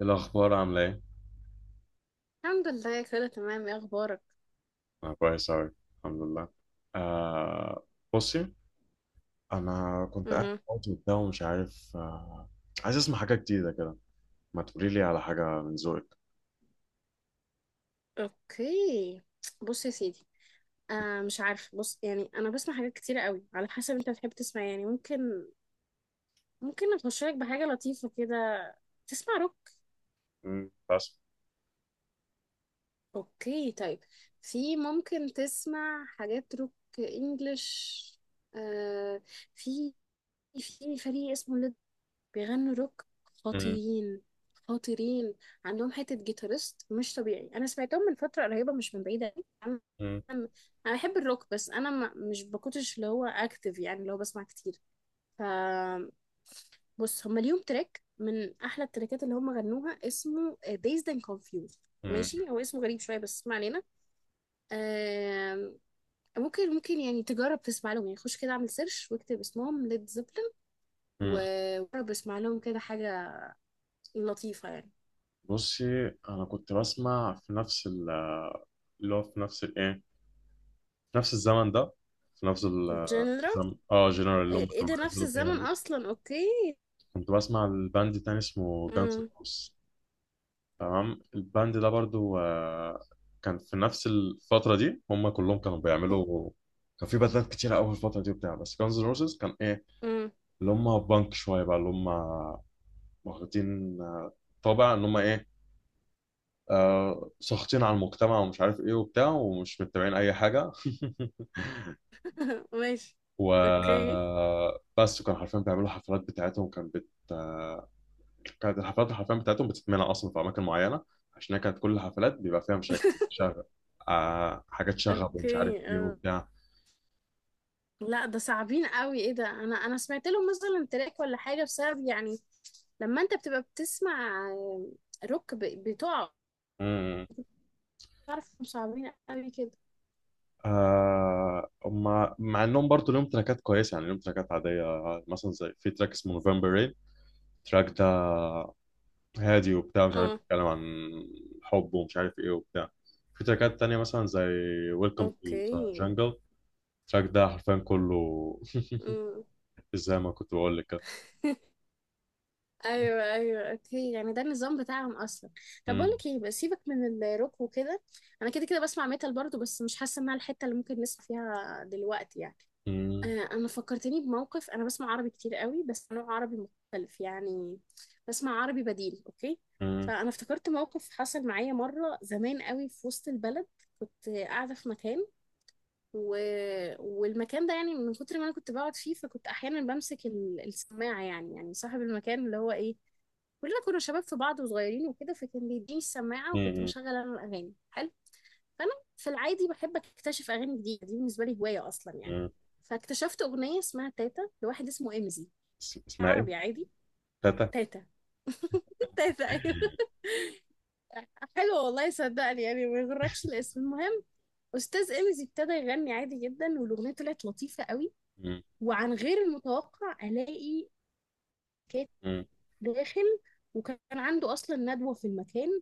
الأخبار عاملة إيه؟ الحمد لله، كله تمام. ايه اخبارك؟ أنا كويس أوي، الحمد لله. آه. بصي، أنا كنت قاعد امم. فاضي وبتاع ومش عارف. عايز أسمع حاجة جديدة كده. ما تقولي لي على حاجة من ذوقك. اوكي. بص يا سيدي. مش عارفه. بص، يعني انا بسمع حاجات كتيره قوي على حسب انت بتحب تسمع إيه. يعني ممكن اخش لك بحاجه لطيفه كده. تسمع روك؟ بس. اوكي، طيب. في ممكن تسمع حاجات روك انجلش. آه في في فريق اسمه بيغنوا روك امم. خطيرين. خطيرين. عندهم حتة جيتارست مش طبيعي. أنا سمعتهم من فترة قريبة، مش من بعيدة أوي. امم. أنا أنا بحب الروك، بس أنا ما مش بكونش اللي هو أكتف، يعني اللي هو بسمع كتير. ف بص، هما ليهم تراك من أحلى التراكات اللي هما غنوها اسمه Dazed and Confused. امم. ماشي، هو اسمه غريب شوية بس اسمع علينا. آم، ممكن يعني تجرب تسمع لهم، يعني خش كده اعمل سيرش واكتب اسمهم ليد زيبلين. امم. وجرب اسمع لهم كده حاجة لطيفة يعني. بصي، أنا كنت بسمع في نفس اللي هو في نفس الإيه؟ في نفس الزمن ده. في نفس جنرا الزمن. جنرال اللي هم ايه كانوا ده! نفس بينزلوا فيها الزمن دي. اصلا. اوكي. كنت بسمع الباند تاني، اسمه جانز امم. روس. تمام. الباند ده برضو، كان في نفس الفترة دي، هم كلهم كانوا اوكي. بيعملوا. كان في باندات كتيرة أوي في الفترة دي وبتاع، بس Guns N' Roses كان إيه، امم. اللي هم بانك شوية بقى، اللي هم واخدين طابع إن هم إيه. ساخطين على المجتمع ومش عارف إيه وبتاع ومش متابعين أي حاجة ماشي. اوكي. وبس. وكانوا حرفيا بيعملوا حفلات بتاعتهم كانت بت... آه، كانت الحفلات الحرفيا بتاعتهم بتتمنع اصلا في اماكن معينه، عشان هي كانت كل الحفلات بيبقى فيها مشاكل، بيبقى شغب. حاجات شغب ومش عارف اوكي. ايه آه. وبتاع. لا، ده صعبين قوي. ايه ده! انا سمعت لهم مثلا تراك ولا حاجة، بسبب يعني لما انت بتبقى بتسمع روك بتقع. امم. تعرف إنهم صعبين قوي كده. مع انهم برضه ليهم تراكات كويسه، يعني ليهم تراكات عاديه. مثلا زي في تراك اسمه نوفمبر رين. التراك ده هادي وبتاع، مش عارف، اه. بيتكلم عن حب ومش عارف ايه وبتاع. في تراكات تانية مثلا زي ويلكم تو اوكي. جانجل. التراك ده حرفيا كله امم. زي ما كنت بقول لك كده. ايوه، ايوه، اوكي. يعني ده النظام بتاعهم اصلا. طب بقول مم. لك ايه، بس سيبك من الروك وكده. انا كده كده بسمع ميتال برضو، بس مش حاسه انها الحته اللي ممكن نسمع فيها دلوقتي يعني. مم. انا فكرتني بموقف. انا بسمع عربي كتير قوي، بس نوع عربي مختلف يعني. بسمع عربي بديل. اوكي. مم. فانا افتكرت موقف حصل معايا مره زمان قوي في وسط البلد. كنت قاعده في مكان و... والمكان ده يعني من كتر ما انا كنت بقعد فيه، فكنت احيانا بمسك السماعه، يعني صاحب المكان اللي هو ايه، كلنا كنا شباب في بعض وصغيرين وكده، فكان بيديني السماعه وكنت مم. بشغل انا الاغاني. حلو. فانا في العادي بحب اكتشف اغاني جديده، دي بالنسبه لي هوايه اصلا يعني. مم. فاكتشفت اغنيه اسمها تاتا لواحد اسمه امزي. اسمها ايه؟ عربي عادي. تاتا. تاتا. تاتا، ايوه. حلو، والله صدقني، يعني ما يغركش الاسم. المهم، استاذ امزي ابتدى يغني عادي جدا، والاغنيه طلعت لطيفه قوي. مم. وعن غير المتوقع الاقي كات مم. داخل، وكان عنده اصلا ندوه في المكان،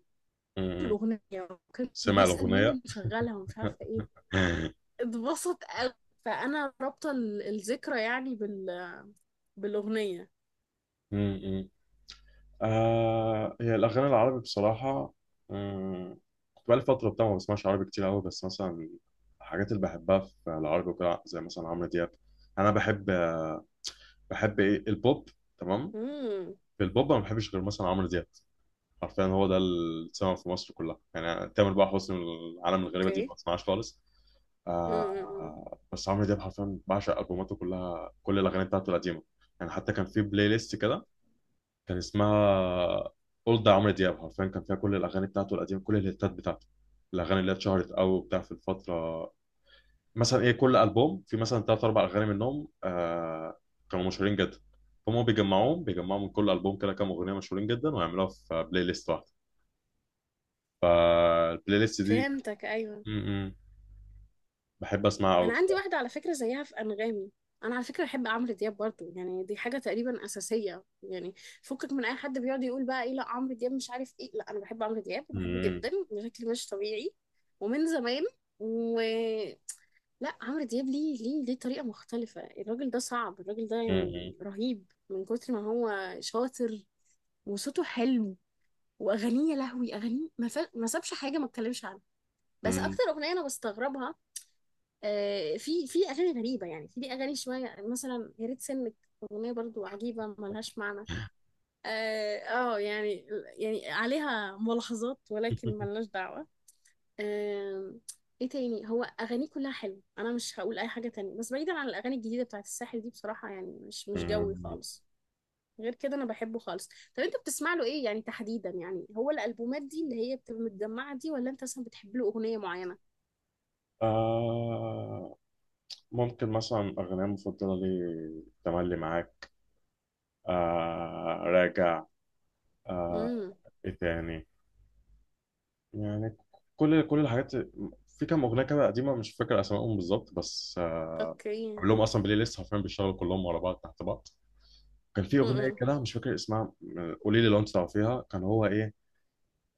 في مم. الاغنيه. وكان سمع بيسال مين الأغنية اللي مشغلها ومش عارفه ايه. اتبسط قوي. فانا رابطه الذكرى يعني بالاغنيه. مم. هي الأغاني العربي بصراحة. مم. كنت بقالي فترة بتاع ما بسمعش عربي كتير أوي، بس مثلا الحاجات اللي بحبها في العربي وكده زي مثلا عمرو دياب. أنا بحب، بحب إيه البوب. تمام. امم. في البوب أنا ما بحبش غير مثلا عمرو دياب. حرفيا هو ده اللي اتسمع في مصر كلها، يعني تامر بقى حسني العالم الغريبة دي اوكي. ما بسمعهاش خالص. امم. بس عمرو دياب حرفيا بعشق ألبوماته كلها، كل الأغاني بتاعته القديمة. يعني حتى كان في بلاي ليست كده، كان اسمها أولد عمرو دياب، حرفيا كان فيها كل الأغاني بتاعته القديمة، كل الهيتات بتاعته، الأغاني اللي هي اتشهرت أوي وبتاع في الفترة. مثلا إيه، كل ألبوم في مثلا تلات أربع أغاني منهم، كانوا مشهورين جدا. فهم بيجمعوهم، بيجمعوا من كل ألبوم كده كام أغنية مشهورين جدا ويعملوها في بلاي ليست واحدة. فالبلاي ليست دي فهمتك، ايوه. م -م. بحب أسمعها أوي انا عندي الصراحة. واحده على فكره زيها في انغامي. انا على فكره بحب عمرو دياب برضو، يعني دي حاجه تقريبا اساسيه يعني. فكك من اي حد بيقعد يقول بقى ايه، لا عمرو دياب مش عارف ايه. لا، انا بحب عمرو دياب وبحبه م- جدا بشكل مش طبيعي. ومن زمان. و لا، عمرو دياب ليه، ليه، ليه طريقه مختلفه. الراجل ده صعب، الراجل ده م- يعني رهيب من كتر ما هو شاطر. وصوته حلو. واغانيه، يا لهوي، اغانيه ما سابش حاجه ما اتكلمش عنها. بس م- اكتر اغنيه انا بستغربها، في اغاني غريبه، يعني في ليه اغاني شويه مثلا يا ريت سنك. اغنيه برضو عجيبه ملهاش معنى. اه آه، يعني يعني عليها ملاحظات ولكن م. ملناش دعوه. آه، ايه تاني، هو اغانيه كلها حلوه. انا مش هقول اي حاجه تانية، بس بعيدا عن الاغاني الجديده بتاعت الساحل دي، بصراحه يعني مش جوي مم. خالص. غير كده انا بحبه خالص. طب انت بتسمع له ايه يعني تحديدا؟ يعني هو الالبومات دي اللي هي بتبقى متجمعه دي، ولا انت اصلا بتحب له اغنيه معينه؟ آه ممكن مثلا أغنية مفضلة لي تملي معاك. راجع. آه. امم. إيه تاني يعني كل الحاجات. في كام أغنية كده قديمة، مش فاكر أسمائهم بالظبط، بس اوكي. عامل لهم أصلا بلاي ليست، حرفيا بيشتغلوا كلهم ورا بعض تحت بعض. كان في أغنية امم. كده مش فاكر اسمها، قولي لي لو أنت تعرفيها، كان هو إيه.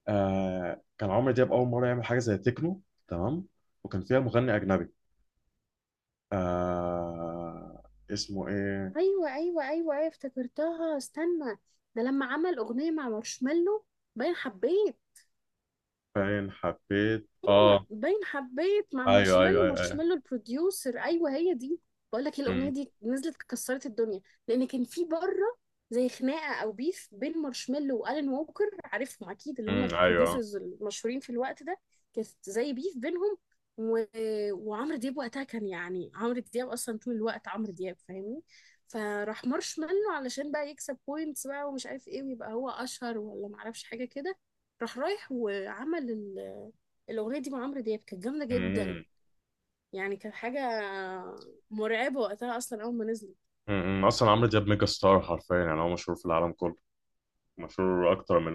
كان عمرو دياب أول مرة يعمل حاجة زي تكنو. تمام. وكان فيها مغني أجنبي. آه اسمه إيه. ايوه، ايوه، ايوه، ايوه، افتكرتها، استنى. ده لما عمل اغنيه مع مارشميلو. باين حبيت. فين حبيت، ايوه، اه. باين حبيت مع ايوه، ايوه، مارشميلو. ايوه، ايوه. مارشميلو البروديوسر. ايوه هي دي. بقول لك الاغنيه امم. دي نزلت كسرت الدنيا. لان كان في بره زي خناقه او بيف بين مارشميلو والان ووكر، عارفهم اكيد، اللي هم امم، ايوه. البروديوسرز المشهورين في الوقت ده. كانت زي بيف بينهم. و... وعمرو دياب وقتها كان، يعني عمرو دياب اصلا طول الوقت عمرو دياب، فاهمني. فراح مارشميلو علشان بقى يكسب بوينتس بقى، ومش عارف ايه، ويبقى هو اشهر ولا معرفش حاجه كده. راح رايح وعمل الاغنيه دي مع عمرو دياب، كانت جامده جدا امم. يعني. كانت حاجه مرعبه وقتها اصلا اول ما نزلت. اصلا عمرو دياب ميجا ستار حرفيا، يعني هو مشهور في العالم كله. مشهور اكتر من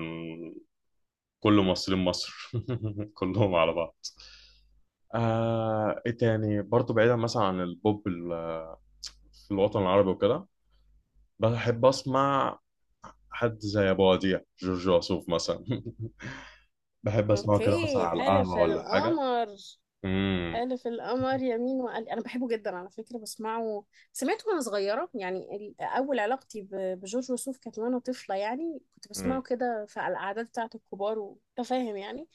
كل ممثلين مصر كلهم على بعض. ايه تاني برضه، بعيدا مثلا عن البوب في الوطن العربي وكده، بحب اسمع حد زي ابو وديع، جورج وسوف مثلا بحب اسمعه كده مثلا اوكي، على حلف القهوه ولا حاجه. القمر. امم. حلف القمر يمين وقال. انا بحبه جدا على فكره، بسمعه. سمعته وانا صغيره، يعني اول علاقتي بجورج وسوف كانت وانا طفله. يعني كنت بسمعه امم. كده في على الاعداد بتاعه الكبار وانت فاهم يعني.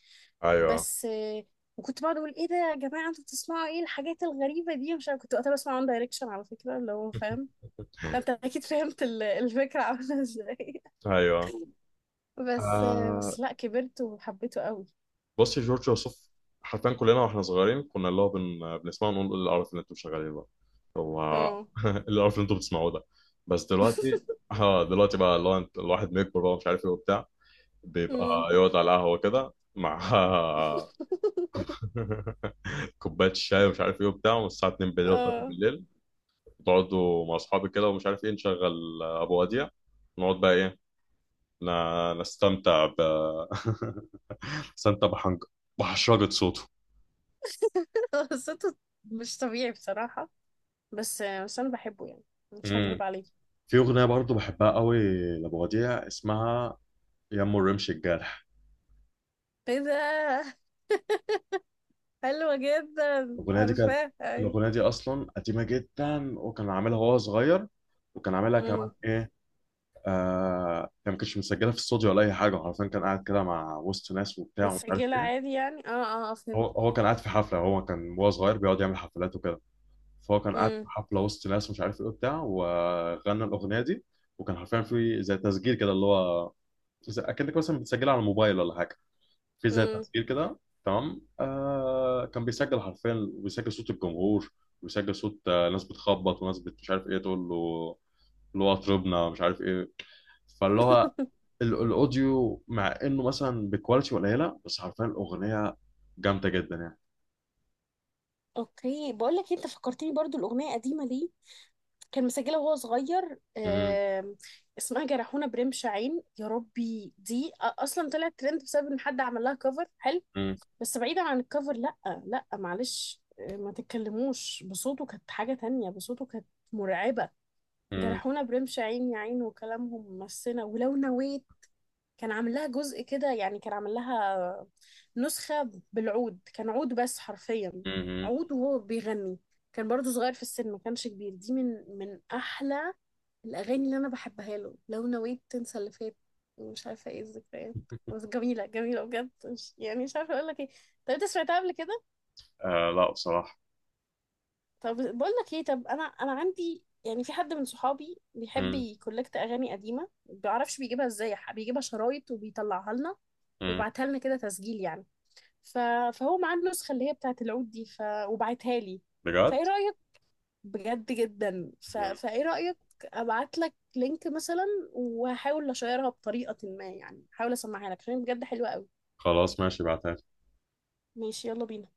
ايوه. بس وكنت بقعد اقول ايه ده يا جماعه، انتوا بتسمعوا ايه الحاجات الغريبه دي. مش عارفة- كنت وقتها بسمع وان دايركشن على فكره، اللي هو فاهم. فانت اكيد فهمت الفكرة عاملة ازاي. ايوه. بس آه. بس لا كبرت وحبيته قوي. بص يا جورج وسوف، حرفيا كلنا واحنا صغيرين كنا اللي هو بنسمعه نقول إيه القرف اللي انتوا شغالين بقى. هو اه. إيه القرف اللي انتوا بتسمعوه ده. بس دلوقتي، اه دلوقتي بقى اللي هو الواحد بيكبر بقى مش عارف ايه وبتاع، أمم. بيبقى يقعد على القهوه كده مع كوبايه شاي ومش عارف ايه وبتاع، والساعه 2 بالليل و3 اه. بالليل، تقعدوا مع اصحابي كده ومش عارف ايه، نشغل ابو وديع. نقعد بقى ايه، ن... نستمتع نستمتع بحشرجه صوته. قصته مش طبيعي بصراحة. بس انا بحبه يعني. مش هكذب عليك. في أغنية برضو بحبها قوي لأبو وديع، اسمها يم الرمش الجارح. ايه ده! حلوة جدا، الأغنية دي كانت عارفاه، ايوه. الأغنية دي أصلا قديمة جدا، وكان عاملها وهو صغير، وكان عاملها امم. كمان إيه. آه كان ما كانش مسجلها في استوديو ولا أي حاجة، عارفين، كان قاعد كده مع وسط ناس وبتاع ومش عارف متسجلة إيه. عادي يعني، اه اه، هو فهمت. هو كان قاعد في حفلة، هو كان وهو صغير بيقعد يعمل حفلات وكده. فهو كان قاعد في امم. حفلة وسط ناس ومش عارف إيه وبتاع، وغنى الأغنية دي. وكان حرفيا في زي تسجيل كده، اللي هو أكنك مثلا بتسجلها على الموبايل ولا حاجة. في زي امم. تسجيل كده. تمام. كان بيسجل حرفيا، وبيسجل صوت الجمهور، وبيسجل صوت ناس بتخبط وناس مش عارف ايه تقول له، اللي هو اطربنا مش عارف ايه. فاللي هو الاوديو، مع انه مثلا بكواليتي قليله، بس حرفيا الاغنيه جامده جدا يعني. اوكي، بقول لك إيه، انت فكرتني برضو الاغنية قديمة ليه. كان مسجلها وهو صغير. مم، اسمها جرحونا برمش عين. يا ربي دي اصلا طلعت ترند بسبب ان حد عمل لها كفر حلو. مم، بس بعيدا عن الكفر، لا لا معلش، ما تتكلموش. بصوته كانت حاجة تانية. بصوته كانت مرعبة. مم، جرحونا برمش عين يا عين، وكلامهم مسنا ولو نويت. كان عامل لها جزء كده، يعني كان عامل لها نسخة بالعود، كان عود بس حرفيا. مم، مم. عود وهو بيغني. كان برضو صغير في السن ما كانش كبير. دي من احلى الاغاني اللي انا بحبها له. لو نويت تنسى اللي فات، ومش عارفه ايه، الذكريات. بس جميله جميله بجد، مش يعني مش عارفه اقول لك ايه. طب انت سمعتها قبل كده؟ آه، لا بصراحه. طب بقول لك ايه. طب انا عندي يعني في حد من صحابي بيحب مم، يكولكت اغاني قديمه، ما بيعرفش بيجيبها ازاي، بيجيبها شرايط وبيطلعها لنا، مم. ويبعتها لنا كده تسجيل يعني. ف... فهو معاه النسخه اللي هي بتاعت العود دي، وبعتها لي. فايه بجد. رايك؟ بجد جدا. مم. فايه رأيك؟ ابعت لك لينك مثلا، وهحاول اشيرها بطريقة ما، يعني هحاول اسمعها لك عشان بجد حلوة قوي. خلاص، ماشي، بعتها. ماشي، يلا بينا.